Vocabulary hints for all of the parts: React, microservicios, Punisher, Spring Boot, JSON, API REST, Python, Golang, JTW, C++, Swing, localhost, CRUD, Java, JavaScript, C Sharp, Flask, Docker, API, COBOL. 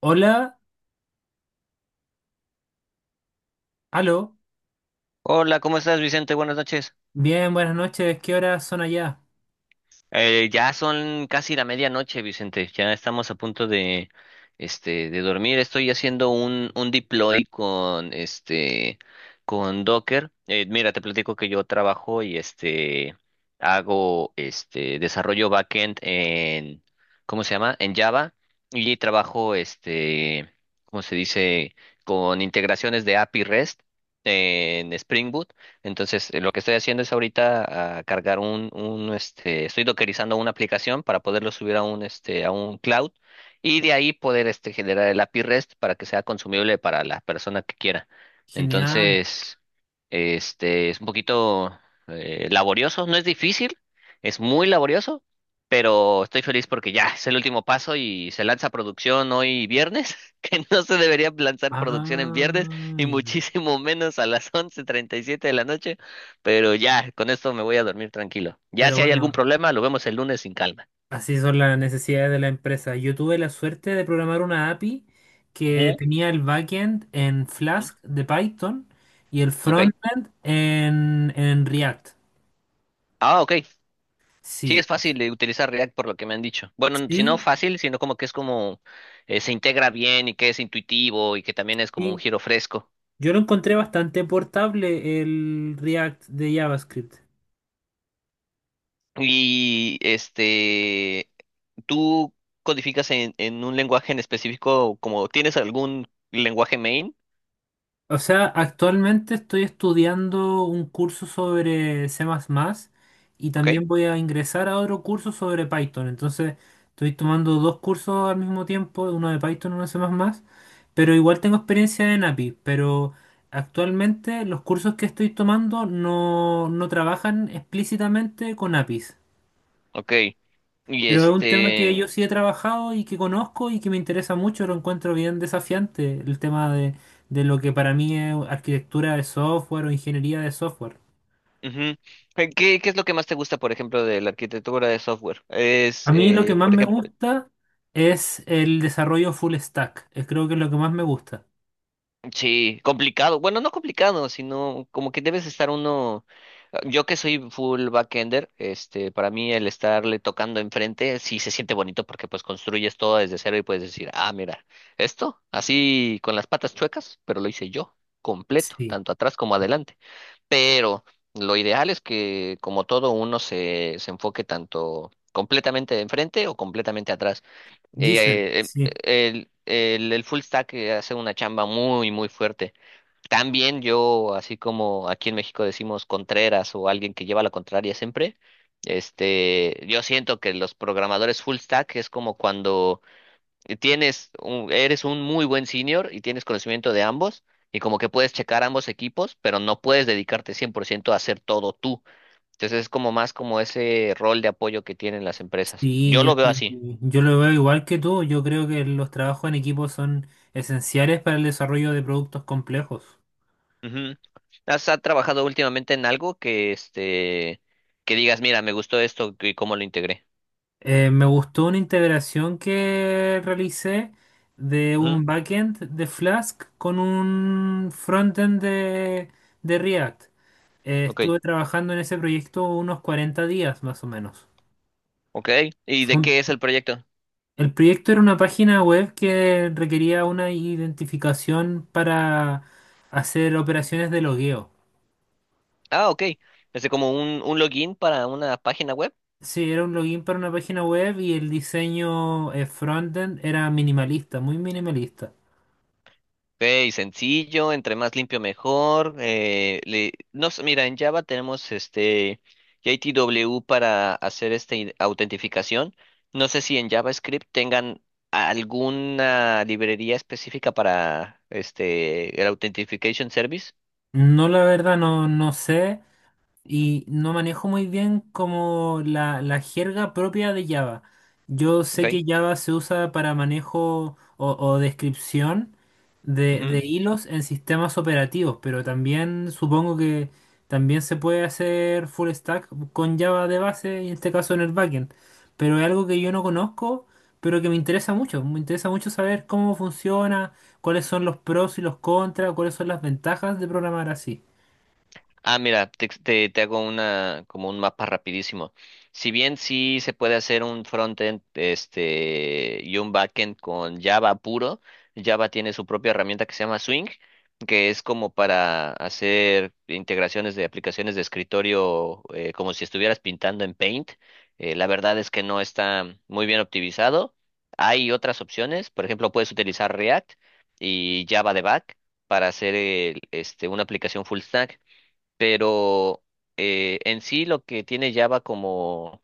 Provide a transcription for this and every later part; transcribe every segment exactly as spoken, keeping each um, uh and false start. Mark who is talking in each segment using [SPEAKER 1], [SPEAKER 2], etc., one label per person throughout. [SPEAKER 1] Hola, aló,
[SPEAKER 2] Hola, ¿cómo estás, Vicente? Buenas noches.
[SPEAKER 1] bien, buenas noches, ¿qué horas son allá?
[SPEAKER 2] Eh, ya son casi la medianoche, Vicente. Ya estamos a punto de, este, de dormir. Estoy haciendo un, un deploy con, este, con Docker. Eh, mira, te platico que yo trabajo y, este, hago, este, desarrollo backend en, ¿cómo se llama? En Java. Y trabajo, este, ¿cómo se dice? Con integraciones de A P I REST en Spring Boot. Entonces, eh, lo que estoy haciendo es ahorita ah, cargar un, un, este, estoy dockerizando una aplicación para poderlo subir a un, este, a un cloud y de ahí poder, este, generar el A P I REST para que sea consumible para la persona que quiera.
[SPEAKER 1] Genial.
[SPEAKER 2] Entonces, este, es un poquito eh, laborioso, no es difícil, es muy laborioso, pero estoy feliz porque ya es el último paso y se lanza producción hoy viernes, que no se debería lanzar producción en viernes
[SPEAKER 1] Ah,
[SPEAKER 2] y
[SPEAKER 1] ya.
[SPEAKER 2] muchísimo menos a las once treinta y siete de la noche, pero ya, con esto me voy a dormir tranquilo. Ya
[SPEAKER 1] Pero
[SPEAKER 2] si hay algún
[SPEAKER 1] bueno,
[SPEAKER 2] problema, lo vemos el lunes sin calma.
[SPEAKER 1] así son las necesidades de la empresa. Yo tuve la suerte de programar una A P I que
[SPEAKER 2] Ujú.
[SPEAKER 1] tenía el backend en
[SPEAKER 2] ¿Mm?
[SPEAKER 1] Flask de Python y el
[SPEAKER 2] ¿Ok?
[SPEAKER 1] frontend en, en React.
[SPEAKER 2] Ah, ok. Sí,
[SPEAKER 1] Sí,
[SPEAKER 2] es fácil de utilizar React por lo que me han dicho. Bueno, n- si no
[SPEAKER 1] sí,
[SPEAKER 2] fácil, sino como que es como eh, se integra bien y que es intuitivo y que también es como un
[SPEAKER 1] sí.
[SPEAKER 2] giro fresco.
[SPEAKER 1] Yo lo encontré bastante portable el React de JavaScript.
[SPEAKER 2] Y este, ¿tú codificas en, en un lenguaje en específico, como tienes algún lenguaje main?
[SPEAKER 1] O sea, actualmente estoy estudiando un curso sobre C++ y
[SPEAKER 2] Ok,
[SPEAKER 1] también voy a ingresar a otro curso sobre Python. Entonces, estoy tomando dos cursos al mismo tiempo, uno de Python y uno de C++, pero igual tengo experiencia en A P I, pero actualmente los cursos que estoy tomando no, no trabajan explícitamente con A P Is.
[SPEAKER 2] ok. Y
[SPEAKER 1] Pero es un tema que
[SPEAKER 2] este,
[SPEAKER 1] yo sí he trabajado y que conozco y que me interesa mucho, lo encuentro bien desafiante, el tema de, de lo que para mí es arquitectura de software o ingeniería de software.
[SPEAKER 2] Ujú. Eh, ¿Qué, qué es lo que más te gusta, por ejemplo, de la arquitectura de software? Es,
[SPEAKER 1] A mí lo que
[SPEAKER 2] eh,
[SPEAKER 1] más
[SPEAKER 2] por
[SPEAKER 1] me
[SPEAKER 2] ejemplo,
[SPEAKER 1] gusta es el desarrollo full stack, eh, creo que es lo que más me gusta.
[SPEAKER 2] sí, complicado. Bueno, no complicado, sino como que debes estar uno. Yo que soy full backender, este, para mí el estarle tocando enfrente sí se siente bonito porque pues construyes todo desde cero y puedes decir, ah, mira, esto así con las patas chuecas, pero lo hice yo, completo,
[SPEAKER 1] Sí,
[SPEAKER 2] tanto atrás como adelante. Pero lo ideal es que como todo uno se, se enfoque tanto completamente de enfrente o completamente atrás.
[SPEAKER 1] dicen,
[SPEAKER 2] Eh, eh,
[SPEAKER 1] sí,
[SPEAKER 2] el, el, el full stack eh, hace una chamba muy, muy fuerte. También yo, así como aquí en México decimos contreras o alguien que lleva la contraria siempre, este, yo siento que los programadores full stack es como cuando eh, tienes un- eres un muy buen senior y tienes conocimiento de ambos y como que puedes checar ambos equipos, pero no puedes dedicarte cien por ciento a hacer todo tú. Entonces es como más como ese rol de apoyo que tienen las empresas.
[SPEAKER 1] sí,
[SPEAKER 2] Yo
[SPEAKER 1] yo,
[SPEAKER 2] lo veo así.
[SPEAKER 1] yo lo veo igual que tú, yo creo que los trabajos en equipo son esenciales para el desarrollo de productos complejos.
[SPEAKER 2] Ujú. ¿Has ha trabajado últimamente en algo que este que digas, mira, me gustó esto y cómo lo integré?
[SPEAKER 1] Eh, me gustó una integración que realicé de
[SPEAKER 2] Ujú.
[SPEAKER 1] un backend de Flask con un frontend de, de React. Eh,
[SPEAKER 2] Ok,
[SPEAKER 1] estuve trabajando en ese proyecto unos cuarenta días más o menos.
[SPEAKER 2] ok. ¿Y de
[SPEAKER 1] Fue un-
[SPEAKER 2] qué es el proyecto?
[SPEAKER 1] El proyecto era una página web que requería una identificación para hacer operaciones de logueo.
[SPEAKER 2] Ah, ok. Es como un, un login para una página web.
[SPEAKER 1] Sí, era un login para una página web y el diseño eh, frontend era minimalista, muy minimalista.
[SPEAKER 2] Ok, sencillo, entre más limpio mejor. Eh, le- no sé, mira, en Java tenemos este J T W para hacer esta autentificación. No sé si en JavaScript tengan alguna librería específica para este el Authentication Service.
[SPEAKER 1] No, la verdad, no, no sé. Y no manejo muy bien como la, la jerga propia de Java. Yo sé
[SPEAKER 2] Ok.
[SPEAKER 1] que Java se usa para manejo o, o descripción de, de hilos en sistemas operativos, pero también supongo que también se puede hacer full stack con Java de base, y en este caso en el backend. Pero es algo que yo no conozco, pero que me interesa mucho. Me interesa mucho saber cómo funciona, cuáles son los pros y los contras, cuáles son las ventajas de programar así.
[SPEAKER 2] Ah, mira, te, te, te hago una como un mapa rapidísimo. Si bien sí se puede hacer un frontend este y un backend con Java puro, Java tiene su propia herramienta que se llama Swing, que es como para hacer integraciones de aplicaciones de escritorio eh, como si estuvieras pintando en Paint. Eh, la verdad es que no está muy bien optimizado. Hay otras opciones, por ejemplo, puedes utilizar React y Java de back para hacer el- este, una aplicación full stack, pero eh, en sí lo que tiene Java como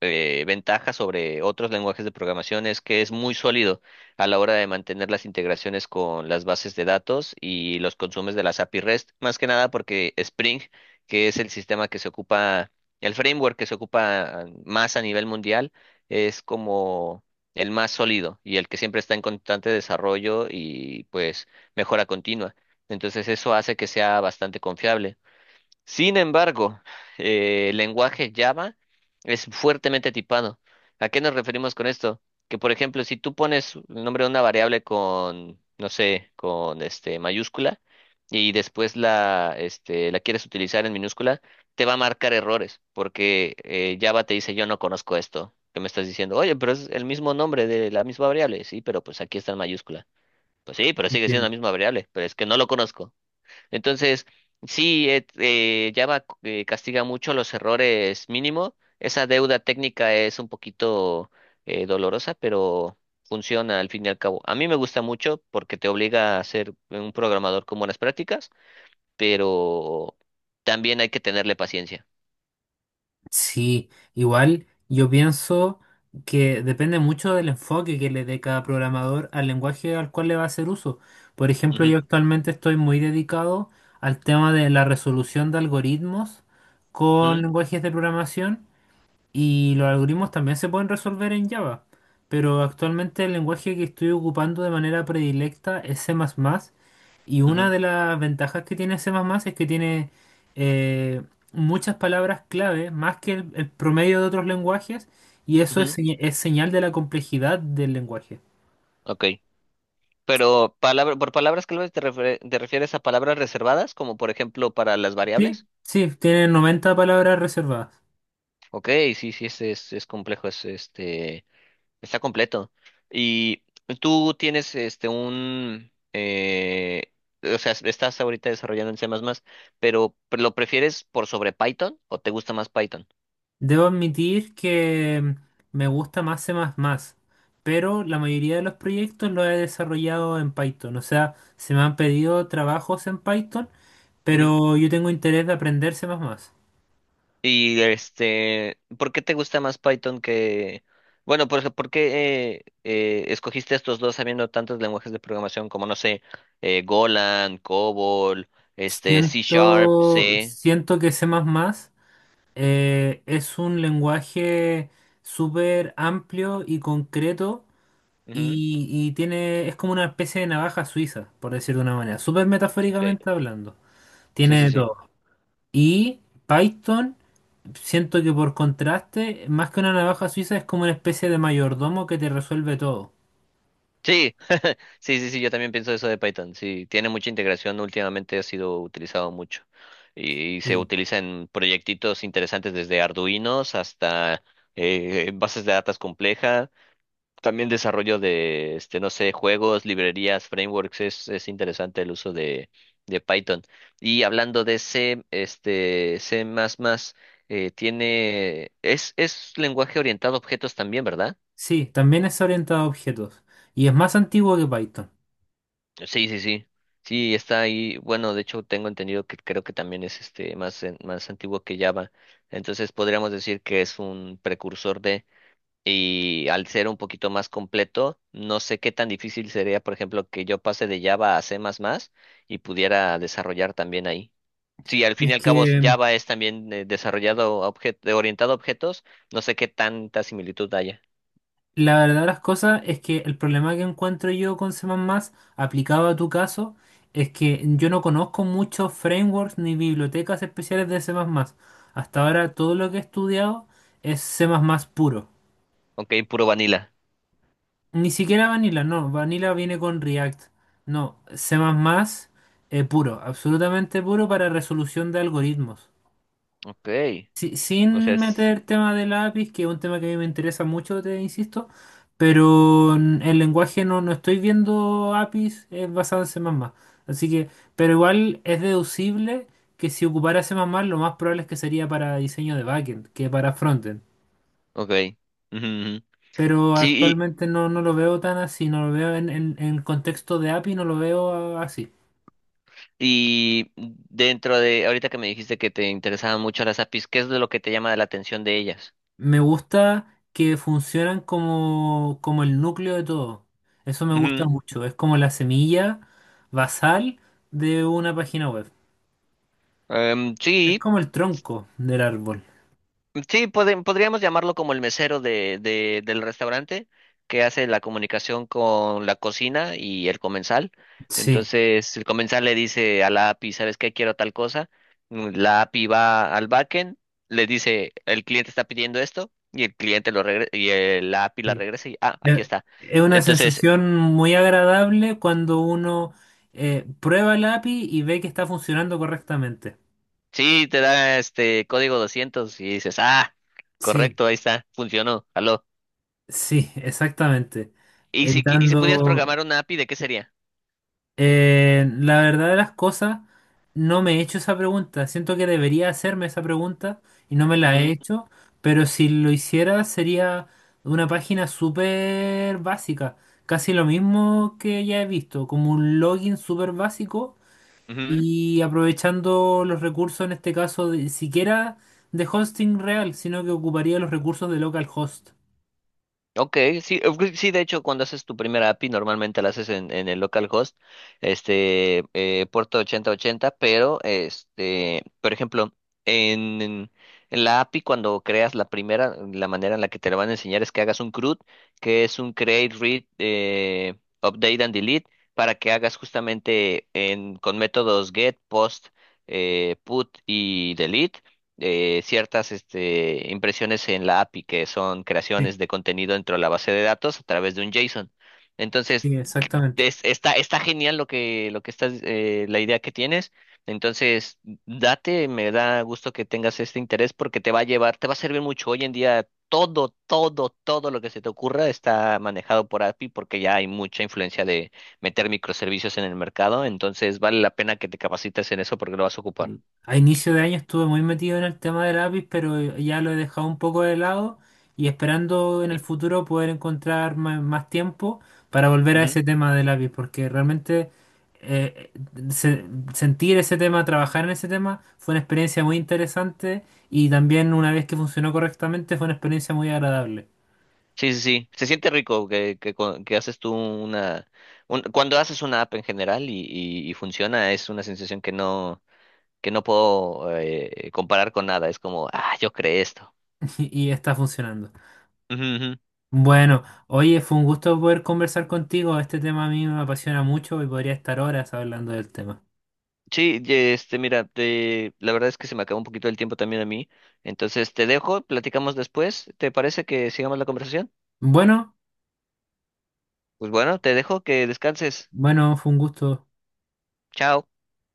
[SPEAKER 2] eh, ventaja sobre otros lenguajes de programación es que es muy sólido a la hora de mantener las integraciones con las bases de datos y los consumos de las A P I REST, más que nada porque Spring, que es el sistema que se ocupa, el framework que se ocupa más a nivel mundial, es como el más sólido y el que siempre está en constante desarrollo y pues mejora continua. Entonces eso hace que sea bastante confiable. Sin embargo, eh, el lenguaje Java es fuertemente tipado. ¿A qué nos referimos con esto? Que, por ejemplo, si tú pones el nombre de una variable con, no sé, con este mayúscula y después la, este, la quieres utilizar en minúscula, te va a marcar errores porque eh, Java te dice yo no conozco esto. ¿Que me estás diciendo? Oye, pero es el mismo nombre de la misma variable. Sí, pero pues aquí está en mayúscula. Pues sí, pero sigue siendo la
[SPEAKER 1] Entiendo.
[SPEAKER 2] misma variable, pero es que no lo conozco. Entonces, sí, eh, eh, Java eh, castiga mucho los errores mínimo. Esa deuda técnica es un poquito eh, dolorosa, pero funciona al fin y al cabo. A mí me gusta mucho porque te obliga a ser un programador con buenas prácticas, pero también hay que tenerle paciencia.
[SPEAKER 1] Sí, igual yo pienso que depende mucho del enfoque que le dé cada programador al lenguaje al cual le va a hacer uso. Por ejemplo,
[SPEAKER 2] Ujú,
[SPEAKER 1] yo actualmente estoy muy dedicado al tema de la resolución de algoritmos con
[SPEAKER 2] ujú,
[SPEAKER 1] lenguajes de programación y los algoritmos también se pueden resolver en Java, pero actualmente el lenguaje que estoy ocupando de manera predilecta es C++, y una
[SPEAKER 2] ujú,
[SPEAKER 1] de las ventajas que tiene C++ es que tiene eh, muchas palabras clave, más que el, el promedio de otros lenguajes, y eso
[SPEAKER 2] ujú.
[SPEAKER 1] es, señ- es señal de la complejidad del lenguaje.
[SPEAKER 2] Ok. Pero palabra, por palabras clave te, refie- te refieres a palabras reservadas, como por ejemplo para las
[SPEAKER 1] Sí,
[SPEAKER 2] variables.
[SPEAKER 1] sí, tiene noventa palabras reservadas.
[SPEAKER 2] Ok, sí, sí, es, es, es complejo, es este. Está completo. Y tú tienes este un eh, o sea, estás ahorita desarrollando en C++, pero ¿lo prefieres por sobre Python o te gusta más Python?
[SPEAKER 1] Debo admitir que me gusta más C++, pero la mayoría de los proyectos los he desarrollado en Python. O sea, se me han pedido trabajos en Python,
[SPEAKER 2] Ujú.
[SPEAKER 1] pero yo tengo interés de aprender C++.
[SPEAKER 2] Y este, ¿por qué te gusta más Python que bueno, por ejemplo, ¿por qué eh, eh, escogiste estos dos sabiendo tantos lenguajes de programación como no sé, eh, Golang, COBOL, este C Sharp,
[SPEAKER 1] Siento,
[SPEAKER 2] C?
[SPEAKER 1] siento que C++ eh, es un lenguaje súper amplio y concreto
[SPEAKER 2] Ujú.
[SPEAKER 1] y, y tiene, es como una especie de navaja suiza, por decir de una manera, súper
[SPEAKER 2] Ok.
[SPEAKER 1] metafóricamente hablando.
[SPEAKER 2] Sí,
[SPEAKER 1] Tiene
[SPEAKER 2] sí,
[SPEAKER 1] de
[SPEAKER 2] sí.
[SPEAKER 1] todo. Y Python, siento que por contraste, más que una navaja suiza, es como una especie de mayordomo que te resuelve todo.
[SPEAKER 2] Sí, sí, sí, sí, yo también pienso eso de Python. Sí, tiene mucha integración, últimamente ha sido utilizado mucho y, se
[SPEAKER 1] Sí.
[SPEAKER 2] utiliza en proyectitos interesantes desde Arduinos hasta eh, eh, bases de datos complejas, también desarrollo de, este, no sé, juegos, librerías, frameworks, es, es interesante el uso de, de Python. Y hablando de C, este, C++, eh, tiene, es, es lenguaje orientado a objetos también, ¿verdad?
[SPEAKER 1] Sí, también es orientado a objetos y es más antiguo que Python.
[SPEAKER 2] Sí, sí, sí. Sí, está ahí. Bueno, de hecho tengo entendido que creo que también es este más, en- más antiguo que Java. Entonces podríamos decir que es un precursor de, y al ser un poquito más completo, no sé qué tan difícil sería, por ejemplo, que yo pase de Java a C++ y pudiera desarrollar también ahbién ahí. Sí, al fin y
[SPEAKER 1] Es
[SPEAKER 2] al cabo
[SPEAKER 1] que...
[SPEAKER 2] Java es también eh, desarrollado a obje- orientado a objetos, no sé qué tanta similitud haya.
[SPEAKER 1] La verdad de las cosas es que el problema que encuentro yo con C++ aplicado a tu caso es que yo no conozco muchos frameworks ni bibliotecas especiales de C++. Hasta ahora todo lo que he estudiado es C++ puro.
[SPEAKER 2] Ok, puro vanilla.
[SPEAKER 1] Ni siquiera Vanilla, no. Vanilla viene con React. No, C++ eh, puro, absolutamente puro para resolución de algoritmos.
[SPEAKER 2] Ok.
[SPEAKER 1] Sí,
[SPEAKER 2] O
[SPEAKER 1] sin
[SPEAKER 2] sea, sí.
[SPEAKER 1] meter tema de lápiz, que es un tema que a mí me interesa mucho, te insisto, pero en el lenguaje no, no estoy viendo A P Is es basado en C++. Así que, pero igual es deducible que si ocupara C++, lo más probable es que sería para diseño de backend que para frontend.
[SPEAKER 2] Ok. Ujú, ujú.
[SPEAKER 1] Pero
[SPEAKER 2] Sí,
[SPEAKER 1] actualmente no, no lo veo tan así, no lo veo en, en, en contexto de A P I, no lo veo ah, así.
[SPEAKER 2] y dentro de, ahorita que me dijiste que te interesaban mucho las A P Is, ¿qué es de lo que te llama la atención de ellas?
[SPEAKER 1] Me gusta que funcionan como, como el núcleo de todo. Eso me gusta
[SPEAKER 2] Ujú.
[SPEAKER 1] mucho. Es como la semilla basal de una página web.
[SPEAKER 2] Em, sí,
[SPEAKER 1] Es como el tronco del árbol.
[SPEAKER 2] sí, pode- podríamos llamarlo como el mesero de, de, del restaurante que hace la comunicación con la cocina y el comensal.
[SPEAKER 1] Sí.
[SPEAKER 2] Entonces, el comensal le dice a la A P I, ¿sabes qué? Quiero tal cosa. Mm, La A P I va al backend, le dice, el cliente está pidiendo esto y el cliente lo regre y el- la A P I la
[SPEAKER 1] Sí.
[SPEAKER 2] regresa y, ah, aquí
[SPEAKER 1] Eh,
[SPEAKER 2] está.
[SPEAKER 1] Es una
[SPEAKER 2] Entonces,
[SPEAKER 1] sensación muy agradable cuando uno eh, prueba el A P I y ve que está funcionando correctamente.
[SPEAKER 2] sí, te da este código doscientos y dices, ah,
[SPEAKER 1] Sí,
[SPEAKER 2] correcto, ahí está, funcionó, aló.
[SPEAKER 1] sí, exactamente.
[SPEAKER 2] ¿Y si, qui- y si pudieras
[SPEAKER 1] Evitando,
[SPEAKER 2] programar una A P I, ¿de qué sería?
[SPEAKER 1] Eh, la verdad de las cosas, no me he hecho esa pregunta. Siento que debería hacerme esa pregunta y no me la he
[SPEAKER 2] Ujú,
[SPEAKER 1] hecho, pero si lo hiciera sería una página súper básica, casi lo mismo que ya he visto, como un login súper básico
[SPEAKER 2] ujú.
[SPEAKER 1] y aprovechando los recursos, en este caso, de- siquiera de hosting real, sino que ocuparía los recursos de localhost.
[SPEAKER 2] Ok, sí, eh, pues sí, de hecho, cuando haces tu primera A P I, normalmente la haces en, en el localhost, este, eh, puerto ochenta ochenta, pero, este, por ejemplo, en, en en la A P I, cuando creas la primera, la manera en la que te la van a enseñar es que hagas un CRUD, que es un create, read, eh, update and delete, para que hagas justamente en, con métodos get, post, eh, put y delete eh, ciertas este, impresiones en la A P I, que son
[SPEAKER 1] Sí,
[SPEAKER 2] creaciones de contenido dentro de la base de datos a través de un JSON. Entonces,
[SPEAKER 1] sí, exactamente.
[SPEAKER 2] es- está, está genial lo que, lo que estás, eh, la idea que tienes. Entonces, date, me da gusto que tengas este interés porque te va a llevar, te va a servir mucho. Hoy en día, todo, todo, todo lo que se te ocurra está manejado por A P I porque ya hay mucha influencia de meter microservicios en el mercado. Entonces, vale la pena que te capacites en eso porque lo vas a ocupar.
[SPEAKER 1] Sí. A inicio de año estuve muy metido en el tema del lápiz, pero ya lo he dejado un poco de lado y esperando en el
[SPEAKER 2] Sí.
[SPEAKER 1] futuro poder encontrar ma- más, tiempo para volver a
[SPEAKER 2] Ujú.
[SPEAKER 1] ese tema del lápiz, porque realmente eh, se- sentir ese tema, trabajar en ese tema, fue una experiencia muy interesante y también una vez que funcionó correctamente fue una experiencia muy agradable
[SPEAKER 2] Sí, sí, sí. Se siente rico que, que, cu- que haces tú una... un- Cuando haces una app en general y, y, y funciona, es una sensación que no, que no puedo eh, comparar con nada. Es como, ah, yo creé esto.
[SPEAKER 1] y está funcionando.
[SPEAKER 2] Ujú, ujú.
[SPEAKER 1] Bueno, oye, fue un gusto poder conversar contigo. Este tema a mí me apasiona mucho y podría estar horas hablando del tema.
[SPEAKER 2] Sí, y, este, mira, te- la verdad es que se me acabó un poquito el tiempo también a mí. Entonces te dejo, platicamos después. ¿Te parece que sigamos la conversación?
[SPEAKER 1] Bueno.
[SPEAKER 2] Pues bueno, te dejo que descanses.
[SPEAKER 1] Bueno, fue un gusto.
[SPEAKER 2] Chao.